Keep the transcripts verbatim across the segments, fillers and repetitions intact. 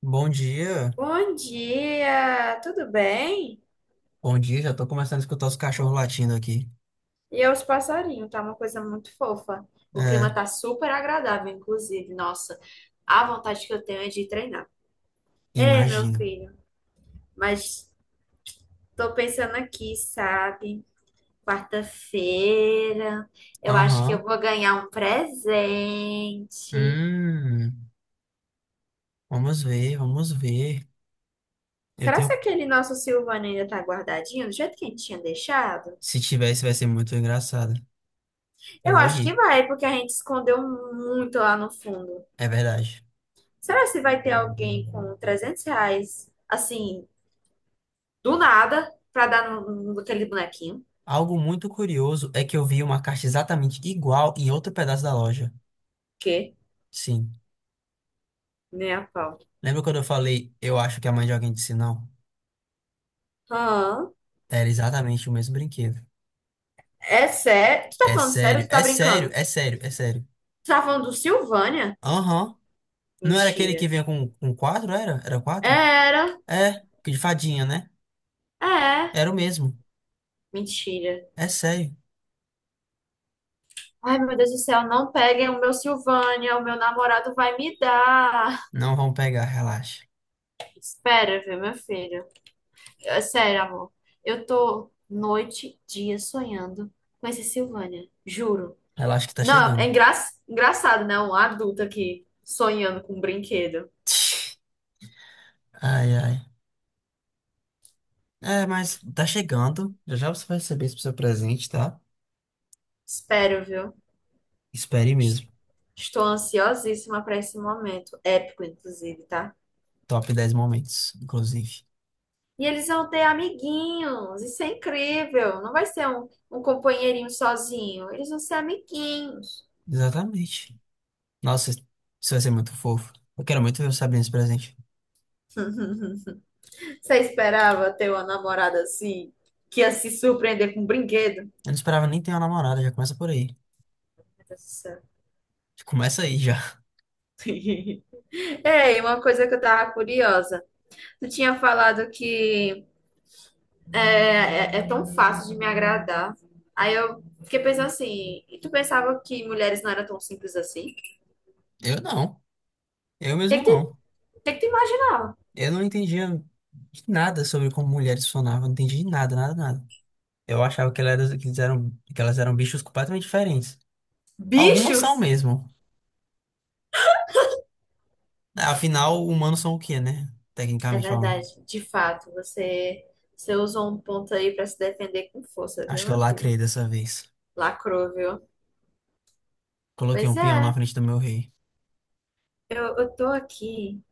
Bom dia. Bom dia, tudo bem? Bom dia, já tô começando a escutar os cachorros latindo aqui. E é os passarinhos, tá uma coisa muito fofa. O clima É, tá super agradável, inclusive. Nossa, a vontade que eu tenho é de treinar. É, meu imagino. filho, mas tô pensando aqui, sabe? Quarta-feira, eu acho que eu Aham. vou ganhar um presente. Hum, Vamos ver, vamos ver. Eu Será que tenho. aquele nosso Silvano ainda tá guardadinho, do jeito que a gente tinha deixado? Se tivesse, vai ser muito engraçado. Eu Eu vou acho que rir. vai, porque a gente escondeu muito lá no fundo. É verdade. Será se vai ter alguém com trezentos reais, assim, do nada, pra dar no, naquele bonequinho? Algo muito curioso é que eu vi uma caixa exatamente igual em outro pedaço da loja. Que? Sim. Nem a pau. Lembra quando eu falei, eu acho que a mãe de alguém disse não? Hã? Era exatamente o mesmo brinquedo. É sério? Tu tá É falando sério sério, ou tu tá é sério, brincando? é sério, é sério. Tu tá falando do Silvânia? Aham. Não era aquele que Mentira. vinha com, com quatro, era? Era quatro? Era. É, que de fadinha, né? É. Era o mesmo. Mentira. É sério. Ai, meu Deus do céu, não peguem o meu Silvânia, o meu namorado vai me dar. Não vão pegar, relaxa. Espera, viu, meu filho? É sério, amor. Eu tô noite, dia sonhando com esse Silvânia. Juro. Relaxa que tá Não, chegando. é engra... engraçado, né? Um adulto aqui sonhando com um brinquedo. Ai, ai. É, mas tá chegando. Já já você vai receber esse seu presente, tá? Espero, viu? Espere mesmo. Estou ansiosíssima para esse momento. Épico, inclusive, tá? Top dez momentos, inclusive. E eles vão ter amiguinhos. Isso é incrível. Não vai ser um, um companheirinho sozinho. Eles vão ser amiguinhos. Exatamente. Nossa, isso vai ser muito fofo. Eu quero muito ver você abrindo esse presente. Você esperava ter uma namorada assim, que ia se surpreender com um brinquedo? Eu não esperava nem ter uma namorada, já começa por aí. Meu Deus do céu. Já começa aí já. Ei, uma coisa que eu tava curiosa. Tu tinha falado que é, é, é tão fácil de me agradar. Aí eu fiquei pensando assim, e tu pensava que mulheres não eram tão simples assim? Eu não. Eu Tem mesmo que te, não. tem que te imaginar. Eu não entendia nada sobre como mulheres funcionavam. Não entendi nada, nada, nada. Eu achava que elas eram, que eles eram- que elas eram bichos completamente diferentes. Algumas Bichos! são mesmo. Afinal, humanos são o quê, né? É Tecnicamente falando. verdade, de fato, você, você usou um ponto aí pra se defender com força, Acho viu, que eu meu filho? lacrei dessa vez. Lacrou, viu? Coloquei Pois um peão na é, frente do meu rei. eu, eu tô aqui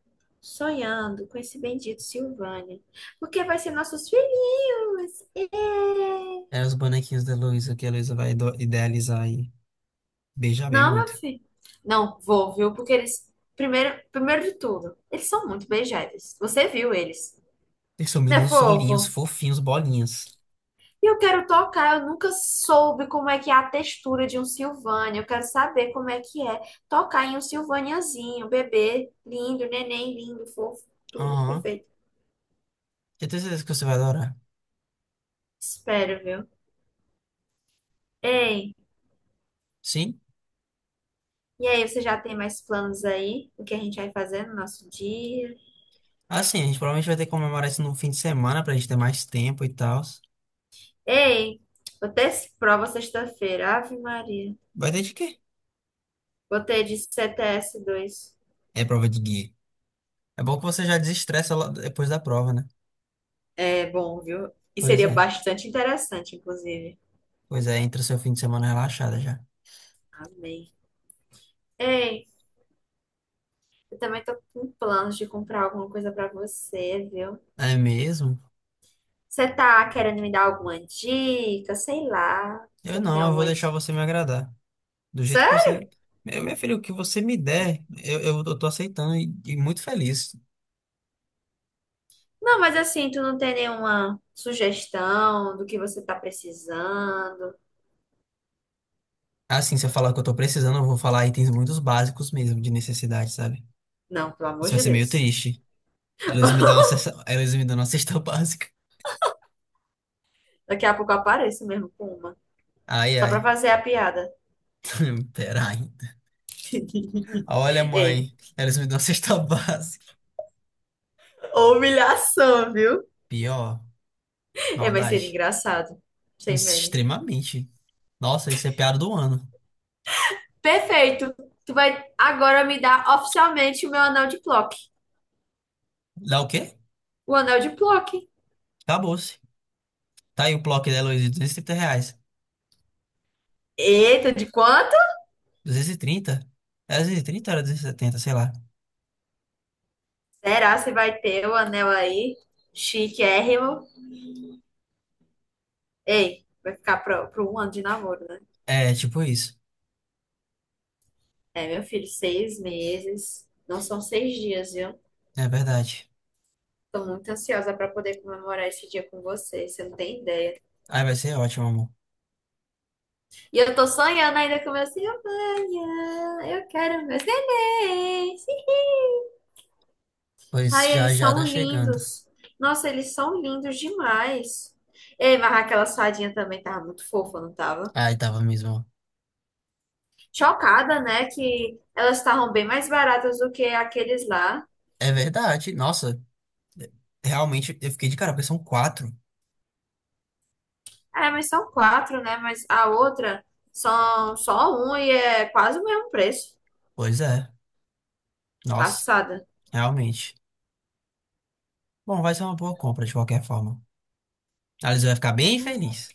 sonhando com esse bendito Silvânia, porque vai ser nossos filhinhos. Ê! É os bonequinhos da Luísa que a Luísa vai ido- idealizar e beijar bem Não, meu muito. filho. Não, vou, viu? Porque eles, primeiro, primeiro de tudo, eles são muito beijáveis. Você viu eles, Eles são né, minúsculinhos, fofo? fofinhos, bolinhas. E eu quero tocar, eu nunca soube como é que é a textura de um Silvânia. Eu quero saber como é que é tocar em um Silvaniazinho, bebê, lindo, neném, lindo, fofo, tudo Aham. perfeito. Eu tenho certeza que você vai adorar. Espero, viu? Ei, Sim? e aí, você já tem mais planos aí? O que a gente vai fazer no nosso dia? Assim, a gente provavelmente vai ter que comemorar isso no fim de semana pra gente ter mais tempo e tal. Ei, vou ter prova sexta-feira. Ave Maria. Vai ter de quê? Botei de cts dois. É prova de guia. É bom que você já desestressa lá depois da prova, né? É bom, viu? E Pois seria é. bastante interessante, inclusive. Pois é, entra seu fim de semana relaxada já. Amei. Ei, eu também tô com planos de comprar alguma coisa pra você, viu? É mesmo? Você tá querendo me dar alguma dica? Sei lá. Você Eu não tem não, eu vou alguma deixar dica? você me agradar. Do jeito que Sério? você. Meu, minha filha, o que você me der, eu, eu, eu tô aceitando e, e muito feliz. Não, mas assim, tu não tem nenhuma sugestão do que você tá precisando? Assim, se eu falar o que eu tô precisando, eu vou falar itens muito básicos mesmo, de necessidade, sabe? Não, pelo amor Isso vai de ser meio Deus. triste. Eles me dão uma cesta, eles me dão uma cesta básica. Daqui a pouco eu apareço mesmo com uma. Ai, Só ai. pra fazer a piada. Peraí. Olha, Ei, mãe, eles me dão uma cesta básica. humilhação, viu? Pior, É, mas seria maldade. engraçado. Sem meme. Extremamente. Nossa, isso é piada do ano. Perfeito. Tu vai agora me dar oficialmente o meu anel de Plock. Dá o quê? O anel de Plock. Acabou-se. Tá aí o Plock da Heloísa, duzentos e trinta reais. Eita, de quanto? Duzentos e trinta Era duzentos e trinta ou era duzentos e setenta, sei lá. Será que você vai ter o anel aí? Chiquérrimo. Ei, vai ficar pro, pro um ano de namoro, né? É, tipo isso. É, meu filho, seis meses. Não são seis dias, viu? É verdade. Tô muito ansiosa pra poder comemorar esse dia com você. Você não tem ideia. Ai, vai ser ótimo, amor. E eu tô sonhando ainda com meu Silvânia. Eu quero meus neném. Pois Ai, já eles já são tá chegando. lindos. Nossa, eles são lindos demais. Ei, mas aquela sardinha também tava muito fofa, não tava? Ai, tava mesmo. Chocada, né? Que elas estavam bem mais baratas do que aqueles lá. É verdade. Nossa, realmente eu fiquei de cara, porque são quatro. É, mas são quatro, né? Mas a outra são só um e é quase o mesmo preço. Pois é. Nossa, Passada. realmente. Bom, vai ser uma boa compra de qualquer forma. A Liz vai ficar bem feliz.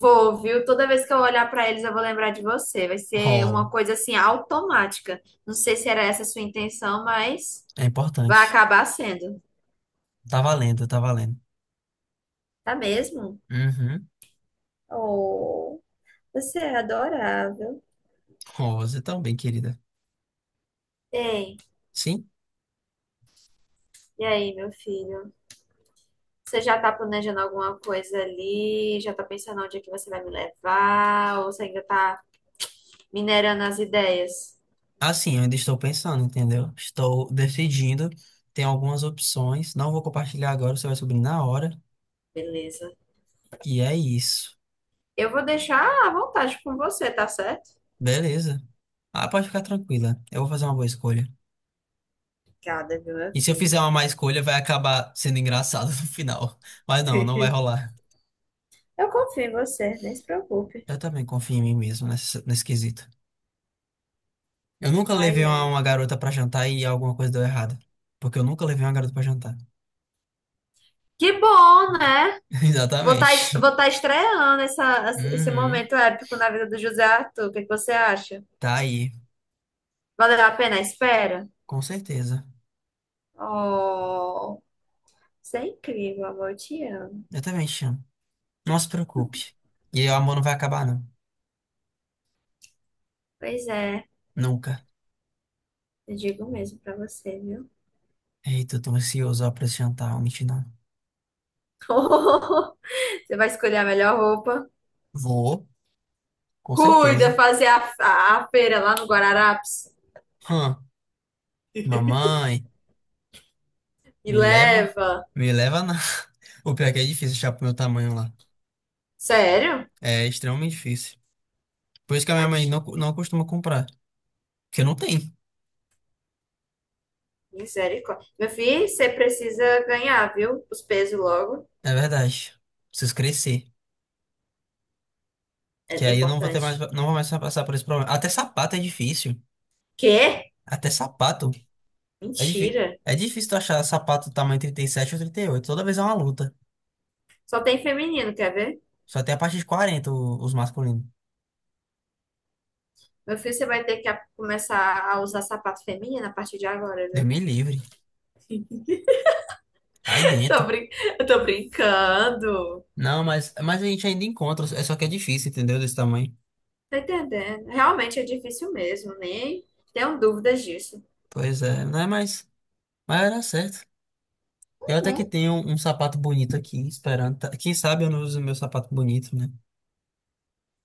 Vou, viu? Toda vez que eu olhar pra eles, eu vou lembrar de você. Vai ser uma Oh, coisa assim automática. Não sei se era essa a sua intenção, mas é vai importante. acabar sendo. Tá valendo, tá valendo. Tá mesmo? Uhum. Oh, você é adorável. Oh, você tão bem, querida. Ei, Sim. e aí, meu filho? Você já tá planejando alguma coisa ali? Já tá pensando onde é que você vai me levar? Ou você ainda tá minerando as ideias? Assim, eu ainda estou pensando, entendeu? Estou decidindo. Tem algumas opções. Não vou compartilhar agora, você vai subir na hora. Beleza. E é isso. Eu vou deixar à vontade com você, tá certo? Beleza. Ah, pode ficar tranquila. Eu vou fazer uma boa escolha. Obrigada, viu, meu E se eu fizer filho? uma má escolha, vai acabar sendo engraçado no final. Mas não, não vai rolar. Eu confio em você, nem se preocupe. Eu também confio em mim mesmo nesse, nesse quesito. Eu nunca levei Ai, uma, ai. uma garota pra jantar e alguma coisa deu errado. Porque eu nunca levei uma garota pra jantar. Que bom, né? Vou estar Exatamente. vou tá estreando essa, esse Uhum. momento épico na vida do José Arthur. O que que você acha? Tá aí. Valeu a pena a espera? Com certeza. Oh, você é incrível, amor, eu te amo. Eu também te chamo. Não se preocupe. E o amor não vai acabar, não. Pois é, Nunca. eu digo mesmo pra você, viu? Eita, eu tô ansioso ó, pra esse jantar, vou mentir não. Você vai escolher a melhor roupa. Vou, com Cuida, certeza. fazer a, a, a feira lá no Guararapes Hã, mamãe, e me leva? leva. Me leva não. O pior é que é difícil achar pro meu tamanho lá. Sério? É extremamente difícil. Por isso que a Ai, minha mãe de- não, não costuma comprar. Porque não tem, Misericórdia. Meu filho, você precisa ganhar, viu? Os pesos logo. é verdade. Preciso crescer. Que É, é aí eu não vou ter mais, importante. não vou mais passar por esse problema. Até sapato é difícil. Quê? Até sapato é difícil. Mentira. É difícil tu achar sapato tamanho trinta e sete ou trinta e oito. Toda vez é uma luta. Só tem feminino, quer ver? Só tem a partir de quarenta o- os masculinos. Meu filho, você vai ter que a- começar a usar sapato feminino a partir de agora, Deus viu? me livre. Aí Tô dentro. brin... Eu tô brincando. Não, mas, mas a gente ainda encontra. É só que é difícil, entendeu? Desse tamanho. Tá entendendo? Realmente é difícil mesmo, nem tenho dúvidas disso. Pois é, não é mais. Mas era certo. Eu até que Hum? tenho um, um sapato bonito aqui, esperando. tá- Quem sabe eu não uso meu sapato bonito, né?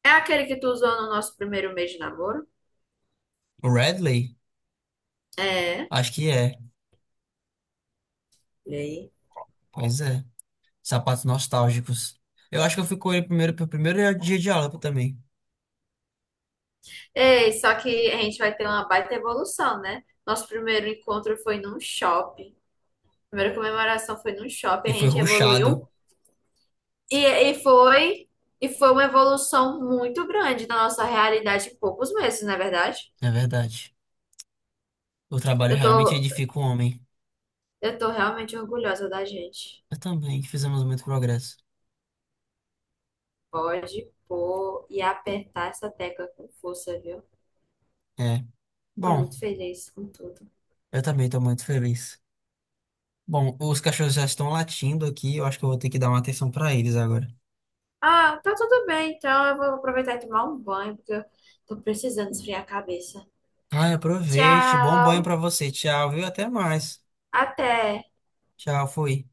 É aquele que tu usou no nosso primeiro mês de namoro? O Radley? É. Acho que é. E aí? Pois é. Sapatos nostálgicos. Eu acho que eu fui com ele primeiro pro primeiro dia de aula também. Ei, só que a gente vai ter uma baita evolução, né? Nosso primeiro encontro foi num shopping. Primeira comemoração foi num shopping, a E foi gente ruchado. evoluiu. E, e foi e foi uma evolução muito grande na nossa realidade em poucos meses, não é verdade? É verdade. O trabalho Eu realmente tô, edifica o homem. eu tô realmente orgulhosa da gente. Eu também. Fizemos muito progresso. Pode pôr e apertar essa tecla com força, viu? É. Tô Bom. muito feliz com tudo. Eu também estou muito feliz. Bom, os cachorros já estão latindo aqui, eu acho que eu vou ter que dar uma atenção para eles agora. Ah, tá tudo bem, então eu vou aproveitar e tomar um banho, porque eu tô precisando esfriar a cabeça. Ai, aproveite, bom banho Tchau! para você. Tchau, viu? Até mais. Até! Tchau, fui.